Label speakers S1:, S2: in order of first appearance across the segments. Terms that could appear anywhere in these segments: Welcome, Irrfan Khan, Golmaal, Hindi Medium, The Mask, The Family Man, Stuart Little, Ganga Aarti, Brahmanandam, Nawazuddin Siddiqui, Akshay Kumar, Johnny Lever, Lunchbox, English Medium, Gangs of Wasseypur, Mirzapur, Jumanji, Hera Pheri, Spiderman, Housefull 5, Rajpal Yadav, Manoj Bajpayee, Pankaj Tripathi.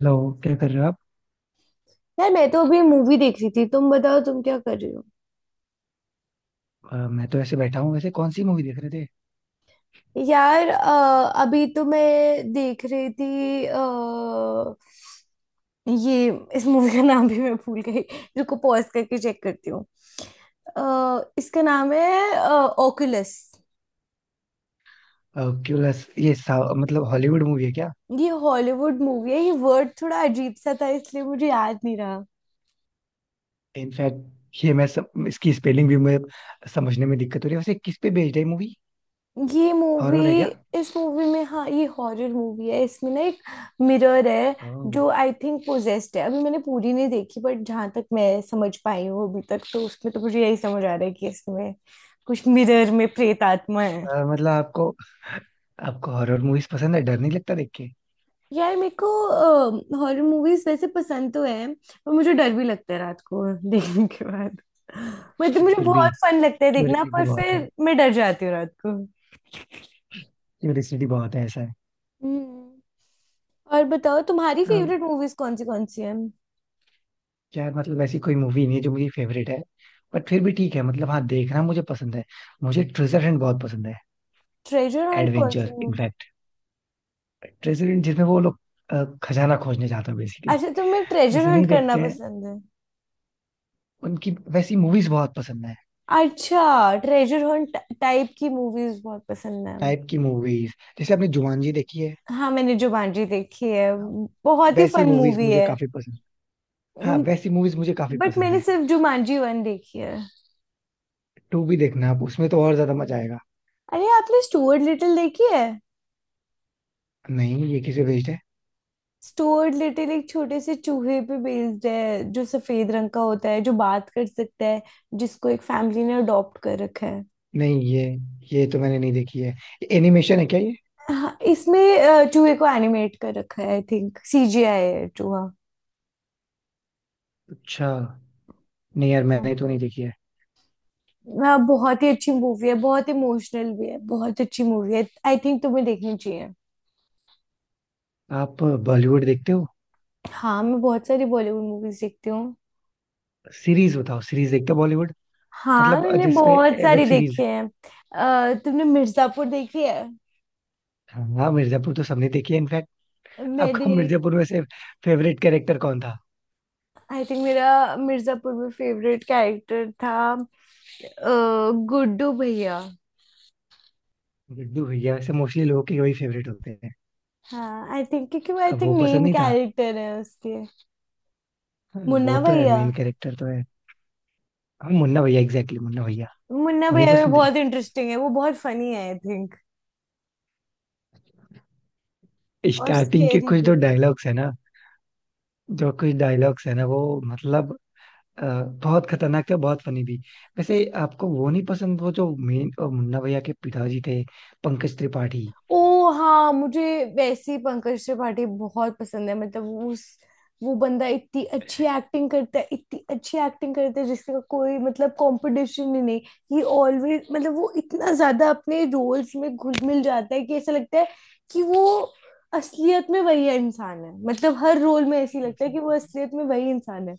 S1: Hello. क्या कर रहे हो आप।
S2: यार मैं तो अभी मूवी देख रही थी। तुम बताओ, तुम क्या कर रही हो?
S1: मैं तो ऐसे बैठा हूँ। वैसे कौन सी मूवी देख रहे थे?
S2: यार अभी तो मैं देख रही थी। ये इस मूवी का नाम भी मैं भूल गई। रुको, पॉज करके चेक करती हूँ। इसका नाम है ऑकुलस।
S1: क्यूलेस? ये मतलब हॉलीवुड मूवी है क्या?
S2: ये हॉलीवुड मूवी है, ये वर्ड थोड़ा अजीब सा था इसलिए मुझे याद नहीं रहा।
S1: इनफैक्ट ये मैं इसकी स्पेलिंग भी मैं समझने में दिक्कत हो रही है। वैसे किस पे बेस्ड है मूवी?
S2: ये मूवी
S1: हॉरर है क्या?
S2: इस मूवी में हाँ, ये हॉरर मूवी है। इसमें ना एक मिरर है
S1: ओह।
S2: जो आई थिंक पोजेस्ड है। अभी मैंने पूरी नहीं देखी, बट जहां तक मैं समझ पाई हूँ अभी तक, तो उसमें तो मुझे यही समझ आ रहा है कि इसमें कुछ मिरर में प्रेत आत्मा है।
S1: मतलब आपको, आपको हॉरर मूवीज पसंद है? डर नहीं लगता देख के?
S2: यार मेरे को हॉरर मूवीज वैसे पसंद तो है, पर मुझे डर भी लगता है रात को देखने के बाद। मतलब
S1: तो
S2: मुझे
S1: फिर भी
S2: बहुत फन लगता है देखना,
S1: क्यूरियोसिटी
S2: पर
S1: बहुत है,
S2: फिर मैं डर जाती हूँ रात को।
S1: क्यूरियोसिटी बहुत है, ऐसा है।
S2: हम्म। और बताओ, तुम्हारी
S1: अ,
S2: फेवरेट मूवीज कौन सी हैं?
S1: यार मतलब ऐसी कोई मूवी नहीं है जो मेरी फेवरेट है। बट फिर भी ठीक है, मतलब हाँ, देखना मुझे पसंद है। मुझे ट्रेजर हंट बहुत पसंद है।
S2: ट्रेजर हंट कौन सी
S1: एडवेंचर
S2: मूवी?
S1: ट्रेजरी जिसमें वो लोग खजाना खोजने जाते हैं बेसिकली।
S2: अच्छा, तुम्हें ट्रेजर
S1: जैसे
S2: हंट
S1: नहीं
S2: करना
S1: देखते हैं
S2: पसंद है?
S1: उनकी वैसी मूवीज बहुत पसंद है।
S2: अच्छा, ट्रेजर हंट टाइप की मूवीज बहुत पसंद है।
S1: टाइप की मूवीज जैसे। आपने जुमानजी देखी है?
S2: हाँ, मैंने जुमांजी देखी है।
S1: हाँ,
S2: बहुत ही
S1: वैसी
S2: फन
S1: मूवीज
S2: मूवी
S1: मुझे
S2: है।
S1: काफी पसंद हाँ, वैसी मूवीज मुझे काफी
S2: बट
S1: पसंद
S2: मैंने
S1: है।
S2: सिर्फ जुमांजी वन देखी है।
S1: टू भी देखना आप, उसमें तो और ज्यादा मजा आएगा।
S2: अरे आपने स्टुअर्ट लिटिल देखी है?
S1: नहीं, ये किसे बेस्ड है?
S2: स्टुअर्ट लिटिल एक छोटे से चूहे पे बेस्ड है, जो सफेद रंग का होता है, जो बात कर सकता है, जिसको एक फैमिली ने अडॉप्ट कर रखा है।
S1: नहीं ये ये तो मैंने नहीं देखी है। एनिमेशन है क्या ये?
S2: हाँ, इसमें चूहे को एनिमेट कर रखा है। आई थिंक सीजीआई है चूहा।
S1: अच्छा। नहीं यार,
S2: हाँ।
S1: मैंने तो नहीं देखी है।
S2: हाँ, बहुत ही अच्छी मूवी है, बहुत इमोशनल भी है, बहुत अच्छी मूवी है। आई थिंक तुम्हें देखनी चाहिए।
S1: आप बॉलीवुड देखते हो?
S2: हाँ, मैं बहुत सारी बॉलीवुड मूवीज देखती हूँ।
S1: सीरीज बताओ, सीरीज देखते हो बॉलीवुड?
S2: हाँ,
S1: मतलब
S2: मैंने
S1: जिसपे
S2: बहुत
S1: वेब
S2: सारी देखी
S1: सीरीज।
S2: है। तुमने मिर्जापुर देखी है?
S1: हाँ, मिर्जापुर तो सबने देखी है इनफैक्ट। आपका
S2: मेरी
S1: मिर्जापुर में से फेवरेट कैरेक्टर कौन था?
S2: आई थिंक मेरा मिर्जापुर में फेवरेट कैरेक्टर था गुड्डू भैया।
S1: गुड्डू भैया वैसे मोस्टली लोगों के वही फेवरेट होते हैं।
S2: हाँ आई थिंक क्योंकि वो आई
S1: अब
S2: थिंक
S1: वो पसंद
S2: मेन
S1: नहीं था?
S2: कैरेक्टर है उसके।
S1: हाँ,
S2: मुन्ना
S1: वो तो है,
S2: भैया,
S1: मेन कैरेक्टर तो है। हाँ, मुन्ना भैया, एग्जैक्टली, मुन्ना भैया।
S2: मुन्ना
S1: वही
S2: भैया भी
S1: पसंद है।
S2: बहुत इंटरेस्टिंग है, वो बहुत फनी है आई थिंक। और
S1: स्टार्टिंग के
S2: स्केरी
S1: कुछ
S2: भी।
S1: जो डायलॉग्स है ना, जो कुछ डायलॉग्स है ना वो, मतलब अ, बहुत खतरनाक थे, बहुत फनी भी। वैसे आपको वो नहीं पसंद, वो जो मेन मुन्ना भैया के पिताजी थे, पंकज त्रिपाठी।
S2: ओ हाँ, मुझे वैसे ही पंकज त्रिपाठी बहुत पसंद है। मतलब वो उस, वो बंदा इतनी अच्छी एक्टिंग करता है, इतनी अच्छी एक्टिंग करता है जिसका कोई मतलब कंपटीशन ही नहीं। ही ऑलवेज मतलब वो इतना ज्यादा अपने रोल्स में घुल मिल जाता है कि ऐसा लगता है कि वो असलियत में वही इंसान है। मतलब हर रोल में ऐसी लगता है कि वो असलियत में वही इंसान है।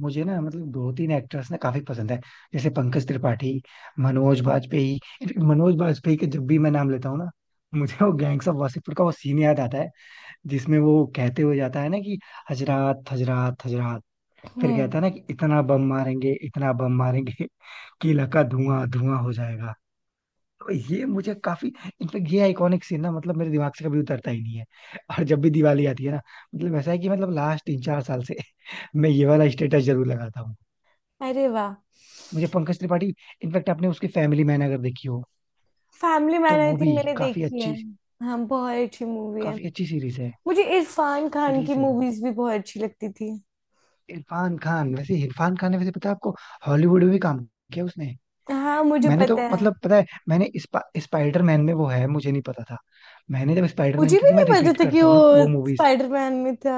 S1: मुझे ना मतलब दो तीन एक्टर्स ना काफी पसंद है, जैसे पंकज त्रिपाठी, मनोज बाजपेयी। इनफैक्ट मनोज बाजपेयी का जब भी मैं नाम लेता हूँ ना, मुझे वो गैंग्स ऑफ वासेपुर का वो सीन याद आता है, जिसमें वो कहते हुए जाता है ना कि हजरात, हजरात, हजरात। फिर
S2: हम्म।
S1: कहता है ना कि इतना बम मारेंगे, इतना बम मारेंगे कि इलाका धुआं धुआं हो जाएगा। तो ये मुझे काफी, इनफेक्ट ये आइकॉनिक सीन ना, मतलब मेरे दिमाग से कभी उतरता ही नहीं है। और जब भी दिवाली आती है ना, मतलब ऐसा है कि मतलब लास्ट 3-4 साल से मैं ये वाला स्टेटस जरूर लगाता हूँ।
S2: अरे वाह।
S1: मुझे पंकज त्रिपाठी, इनफैक्ट आपने उसकी फैमिली मैन अगर देखी हो
S2: फैमिली
S1: तो
S2: मैन आई
S1: वो
S2: थिंक
S1: भी
S2: मैंने
S1: काफी
S2: देखी है।
S1: अच्छी,
S2: हाँ, बहुत अच्छी मूवी है।
S1: काफी अच्छी सीरीज है।
S2: मुझे इरफान खान की
S1: सीरीज है वो।
S2: मूवीज भी बहुत अच्छी लगती थी।
S1: इरफान खान, वैसे इरफान खान ने, वैसे पता है आपको, हॉलीवुड में भी काम किया उसने।
S2: हाँ, मुझे
S1: मैंने तो
S2: पता है।
S1: मतलब पता है, मैंने स्पाइडरमैन में वो है मुझे नहीं पता था। मैंने जब स्पाइडरमैन,
S2: मुझे भी
S1: क्योंकि
S2: नहीं
S1: मैं
S2: पता
S1: रिपीट
S2: था कि
S1: करता हूँ
S2: वो
S1: ना वो मूवीज।
S2: स्पाइडरमैन में था।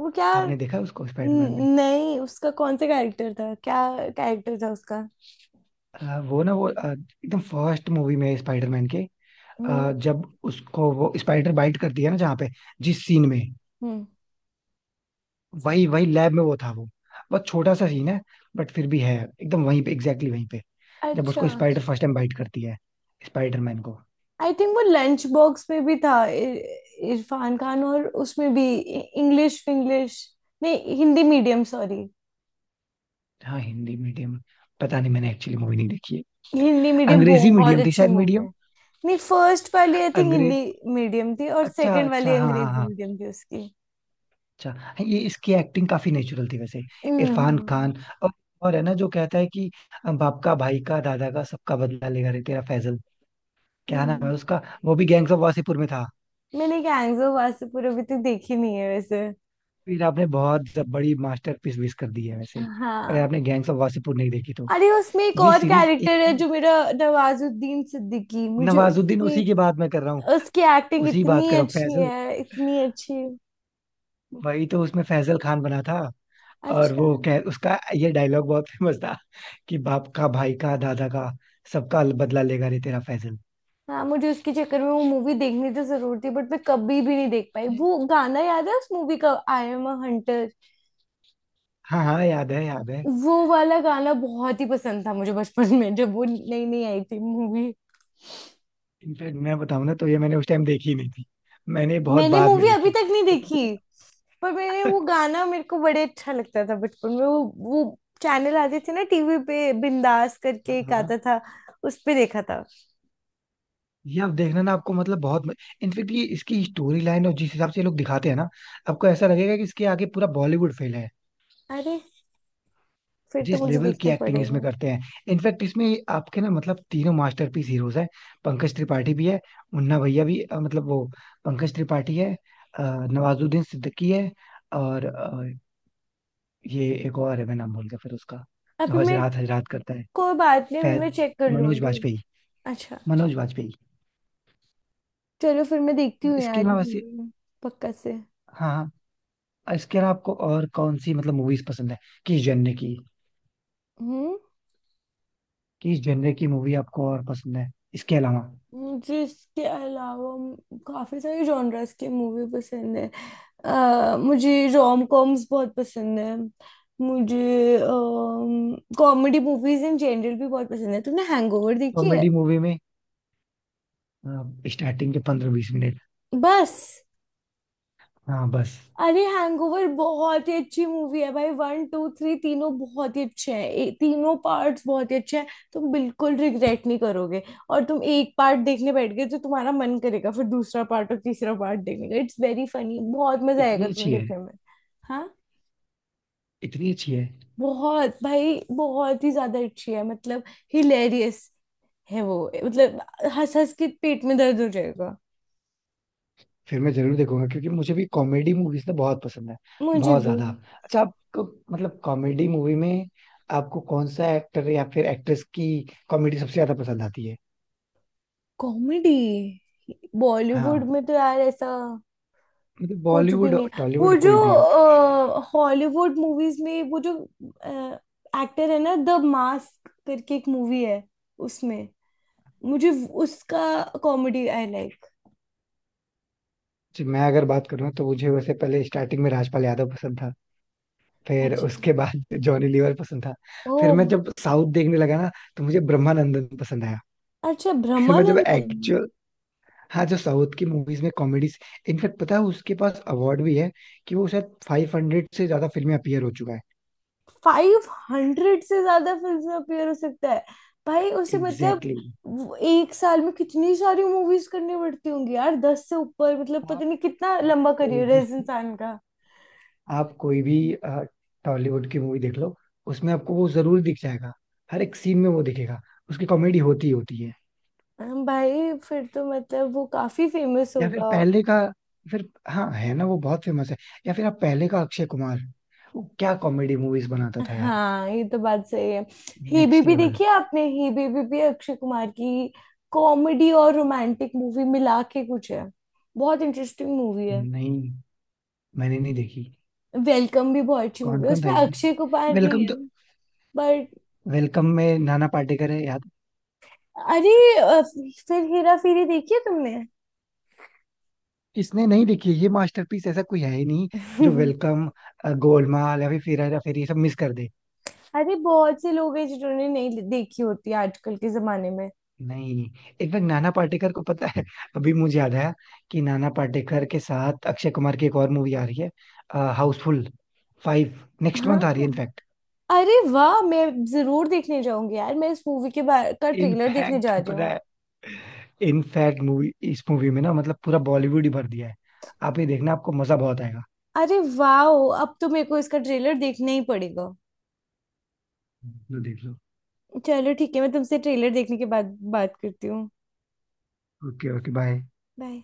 S2: वो क्या,
S1: आपने देखा है उसको स्पाइडरमैन में?
S2: नहीं उसका कौन सा कैरेक्टर था? क्या कैरेक्टर था उसका?
S1: वो ना वो एकदम फर्स्ट मूवी में स्पाइडरमैन के,
S2: हम्म।
S1: जब उसको वो स्पाइडर बाइट करती है ना, जहाँ पे, जिस सीन में,
S2: हम्म।
S1: वही वही लैब में वो था, वो बहुत छोटा सा सीन है, बट फिर भी है। एकदम वहीं पे, एग्जैक्टली वहीं पे। जब
S2: अच्छा।
S1: उसको स्पाइडर फर्स्ट टाइम बाइट करती है, स्पाइडरमैन को।
S2: आई थिंक वो लंच बॉक्स में भी था, इरफान खान, और उसमें भी इंग्लिश इंग्लिश, नहीं हिंदी मीडियम सॉरी।
S1: हाँ, हिंदी मीडियम। पता नहीं, मैंने एक्चुअली मूवी नहीं देखी है।
S2: हिंदी मीडियम
S1: अंग्रेजी
S2: बहुत
S1: मीडियम थी
S2: अच्छी
S1: शायद,
S2: मूवी
S1: मीडियम।
S2: है। नहीं फर्स्ट वाली आई थिंक
S1: अंग्रेज
S2: हिंदी मीडियम थी और
S1: अच्छा
S2: सेकंड
S1: अच्छा,
S2: वाली
S1: हाँ हाँ
S2: अंग्रेजी
S1: हाँ।
S2: मीडियम थी उसकी।
S1: अच्छा, हाँ, ये इसकी एक्टिंग काफी नेचुरल थी वैसे, इरफान
S2: हाँ।
S1: खान। और और है ना जो कहता है कि बाप का, भाई का, दादा का, सबका बदला लेगा रे तेरा फैजल। क्या नाम है
S2: हम्म।
S1: उसका? वो भी गैंग्स ऑफ वासीपुर में था।
S2: मैंने गैंग्स ऑफ वासेपुर अभी तक देखी नहीं है वैसे।
S1: फिर आपने बहुत बड़ी मास्टरपीस मिस कर दी है वैसे, अगर
S2: हाँ।
S1: आपने गैंग्स ऑफ वासेपुर नहीं देखी तो।
S2: अरे उसमें एक
S1: ये
S2: और
S1: सीरीज एक
S2: कैरेक्टर है
S1: ही।
S2: जो मेरा, नवाजुद्दीन सिद्दीकी, मुझे
S1: नवाजुद्दीन,
S2: उसकी,
S1: उसी की बात मैं कर रहा हूँ।
S2: उसकी एक्टिंग
S1: उसी बात
S2: इतनी
S1: कर रहा हूँ,
S2: अच्छी
S1: फैजल,
S2: है, इतनी अच्छी।
S1: वही तो उसमें फैजल खान बना था। और
S2: अच्छा।
S1: वो कह, उसका ये डायलॉग बहुत फेमस था कि बाप का, भाई का, दादा का, सबका बदला लेगा रे तेरा फैजल।
S2: हाँ, मुझे उसके चक्कर में वो मूवी देखनी तो जरूर थी, बट मैं कभी भी नहीं देख पाई।
S1: जी।
S2: वो गाना याद है उस मूवी का, आई एम अ हंटर?
S1: हाँ हाँ, याद है, याद है।
S2: वो वाला गाना बहुत ही पसंद था मुझे बचपन में जब वो नई नई आई थी मूवी।
S1: इनफैक्ट मैं बताऊं ना तो ये मैंने उस टाइम देखी नहीं थी, मैंने बहुत
S2: मैंने
S1: बाद में
S2: मूवी अभी
S1: देखी,
S2: तक नहीं देखी,
S1: लेकिन।
S2: पर मैंने वो गाना, मेरे को बड़े अच्छा लगता था बचपन में। वो चैनल आते थे ना टीवी पे, बिंदास
S1: हाँ
S2: करके एक
S1: हाँ।
S2: आता था, उस पे देखा था।
S1: ये आप देखना ना, आपको मतलब बहुत, इनफेक्ट ये इसकी स्टोरी लाइन और जिस हिसाब से ये लोग दिखाते हैं ना, आपको ऐसा लगेगा कि इसके आगे पूरा बॉलीवुड फेल है।
S2: अरे फिर तो
S1: जिस
S2: मुझे
S1: लेवल की
S2: देखना
S1: एक्टिंग इसमें
S2: पड़ेगा।
S1: करते हैं। इनफैक्ट इसमें आपके ना मतलब तीनों मास्टरपीस हीरोज हैं। पंकज त्रिपाठी भी है, मुन्ना भैया भी, मतलब वो पंकज त्रिपाठी है, अ, नवाजुद्दीन सिद्दीकी है, और ये एक और है, मैं नाम भूल गया फिर उसका, जो
S2: अभी मैं,
S1: हजरात हजरात करता है।
S2: कोई बात नहीं अभी
S1: फै-
S2: मैं चेक कर
S1: मनोज
S2: लूंगी।
S1: वाजपेयी,
S2: अच्छा,
S1: मनोज वाजपेयी,
S2: चलो फिर मैं देखती हूँ
S1: इसके
S2: यार ये
S1: अलावा से।
S2: movie, पक्का से।
S1: हाँ हाँ। इसके अलावा आपको और कौन सी मतलब मूवीज पसंद है, किस जनरे की
S2: हम्म।
S1: किस जनरे की मूवी आपको और पसंद है, इसके अलावा?
S2: मुझे इसके अलावा काफी सारे जॉनर्स की मूवी पसंद है। मुझे रोम कॉम्स बहुत पसंद है। मुझे कॉमेडी मूवीज इन जनरल भी बहुत पसंद है। तुमने हैंगओवर देखी है?
S1: कॉमेडी मूवी में स्टार्टिंग के 15-20 मिनट।
S2: बस।
S1: हाँ बस।
S2: अरे हैंगओवर बहुत ही अच्छी मूवी है भाई, 1 2 3 तीनों बहुत ही अच्छे हैं। तीनों पार्ट्स बहुत ही अच्छे हैं, तुम बिल्कुल रिग्रेट नहीं करोगे। और तुम एक पार्ट देखने बैठ गए तो तुम्हारा मन करेगा फिर दूसरा पार्ट और तीसरा पार्ट देखने का। इट्स वेरी फनी, बहुत मजा आएगा
S1: इतनी अच्छी
S2: तुम्हें
S1: है?
S2: देखने में। हाँ।
S1: इतनी अच्छी है?
S2: बहुत भाई, बहुत ही ज्यादा अच्छी है। मतलब हिलेरियस है वो, मतलब हंस हंस के पेट में दर्द हो जाएगा।
S1: फिर मैं जरूर देखूंगा, क्योंकि मुझे भी कॉमेडी मूवीज ना बहुत पसंद है,
S2: मुझे
S1: बहुत
S2: भी
S1: ज्यादा। अच्छा, आपको मतलब कॉमेडी मूवी में, आपको कौन सा एक्टर या फिर एक्ट्रेस की कॉमेडी सबसे ज्यादा पसंद आती है?
S2: कॉमेडी, बॉलीवुड
S1: हाँ,
S2: में तो यार ऐसा
S1: मतलब
S2: कुछ भी
S1: बॉलीवुड,
S2: नहीं है। वो
S1: टॉलीवुड,
S2: जो
S1: कोई भी हो।
S2: हॉलीवुड मूवीज में, वो जो एक्टर है ना द मास्क करके एक मूवी है, उसमें मुझे उसका कॉमेडी आई लाइक।
S1: जी, मैं अगर बात करूँ तो मुझे वैसे पहले स्टार्टिंग में राजपाल यादव पसंद था, फिर
S2: अच्छा।
S1: उसके बाद जॉनी लीवर पसंद था।
S2: ओ,
S1: फिर मैं जब साउथ देखने लगा ना, तो मुझे ब्रह्मानंदन पसंद आया।
S2: अच्छा
S1: फिर मैं जब
S2: ब्रह्मानंदन।
S1: एक्चुअल, हाँ, जो साउथ की मूवीज में कॉमेडीज, इनफैक्ट पता है उसके पास अवार्ड भी है कि वो शायद 500 से ज्यादा फिल्में अपीयर हो चुका है।
S2: 500 से ज्यादा फिल्म में अपीयर हो सकता है भाई उसे, मतलब
S1: एग्जैक्टली exactly.
S2: वो एक साल में कितनी सारी मूवीज करनी पड़ती होंगी यार, 10 से ऊपर मतलब, पता
S1: आप,
S2: नहीं कितना
S1: आप
S2: लंबा
S1: कोई
S2: करियर है
S1: भी
S2: इस इंसान का।
S1: आप कोई भी टॉलीवुड की मूवी देख लो, उसमें आपको वो जरूर दिख जाएगा। हर एक सीन में वो दिखेगा, उसकी कॉमेडी होती ही होती है।
S2: हम भाई, फिर तो मतलब वो काफी फेमस
S1: या फिर
S2: होगा।
S1: पहले का, फिर हाँ, है ना, वो बहुत फेमस है। या फिर आप पहले का अक्षय कुमार, वो क्या कॉमेडी मूवीज बनाता था यार,
S2: हाँ ये तो बात सही है। ही
S1: नेक्स्ट
S2: बीबी
S1: लेवल।
S2: देखी है आपने? ही बीबी भी अक्षय कुमार की कॉमेडी और रोमांटिक मूवी मिला के कुछ है, बहुत इंटरेस्टिंग मूवी है।
S1: नहीं, मैंने नहीं देखी।
S2: वेलकम भी बहुत अच्छी
S1: कौन
S2: मूवी है,
S1: कौन था
S2: उसमें
S1: इसमें?
S2: अक्षय कुमार नहीं
S1: वेलकम
S2: है।
S1: तो, वेलकम में नाना पाटेकर है, याद।
S2: अरे अ, फिर हेरा फेरी देखी है तुमने?
S1: इसने नहीं देखी है, ये मास्टरपीस, ऐसा कोई है ही नहीं जो वेलकम, गोलमाल या फिर हेरा फेरी ये सब मिस कर दे।
S2: अरे बहुत से लोग हैं जिन्होंने नहीं देखी होती आजकल के जमाने में।
S1: नहीं। इनफैक्ट नाना पाटेकर को, पता है अभी मुझे याद आया, कि नाना पाटेकर के साथ अक्षय कुमार की एक और मूवी आ रही है, हाउसफुल 5, नेक्स्ट मंथ आ रही है
S2: हाँ।
S1: इनफैक्ट।
S2: अरे वाह, मैं जरूर देखने जाऊंगी यार। मैं इस मूवी के बारे का ट्रेलर देखने
S1: इनफैक्ट
S2: जा रही
S1: पता
S2: हूँ।
S1: है, इनफैक्ट मूवी इस मूवी में ना मतलब पूरा बॉलीवुड ही भर दिया है। आप ये देखना, आपको मजा बहुत आएगा।
S2: अरे वाह, अब तो मेरे को इसका ट्रेलर देखना ही पड़ेगा।
S1: देख लो देख लो।
S2: चलो ठीक है, मैं तुमसे ट्रेलर देखने के बाद बात करती हूँ।
S1: Okay okay, bye.
S2: बाय।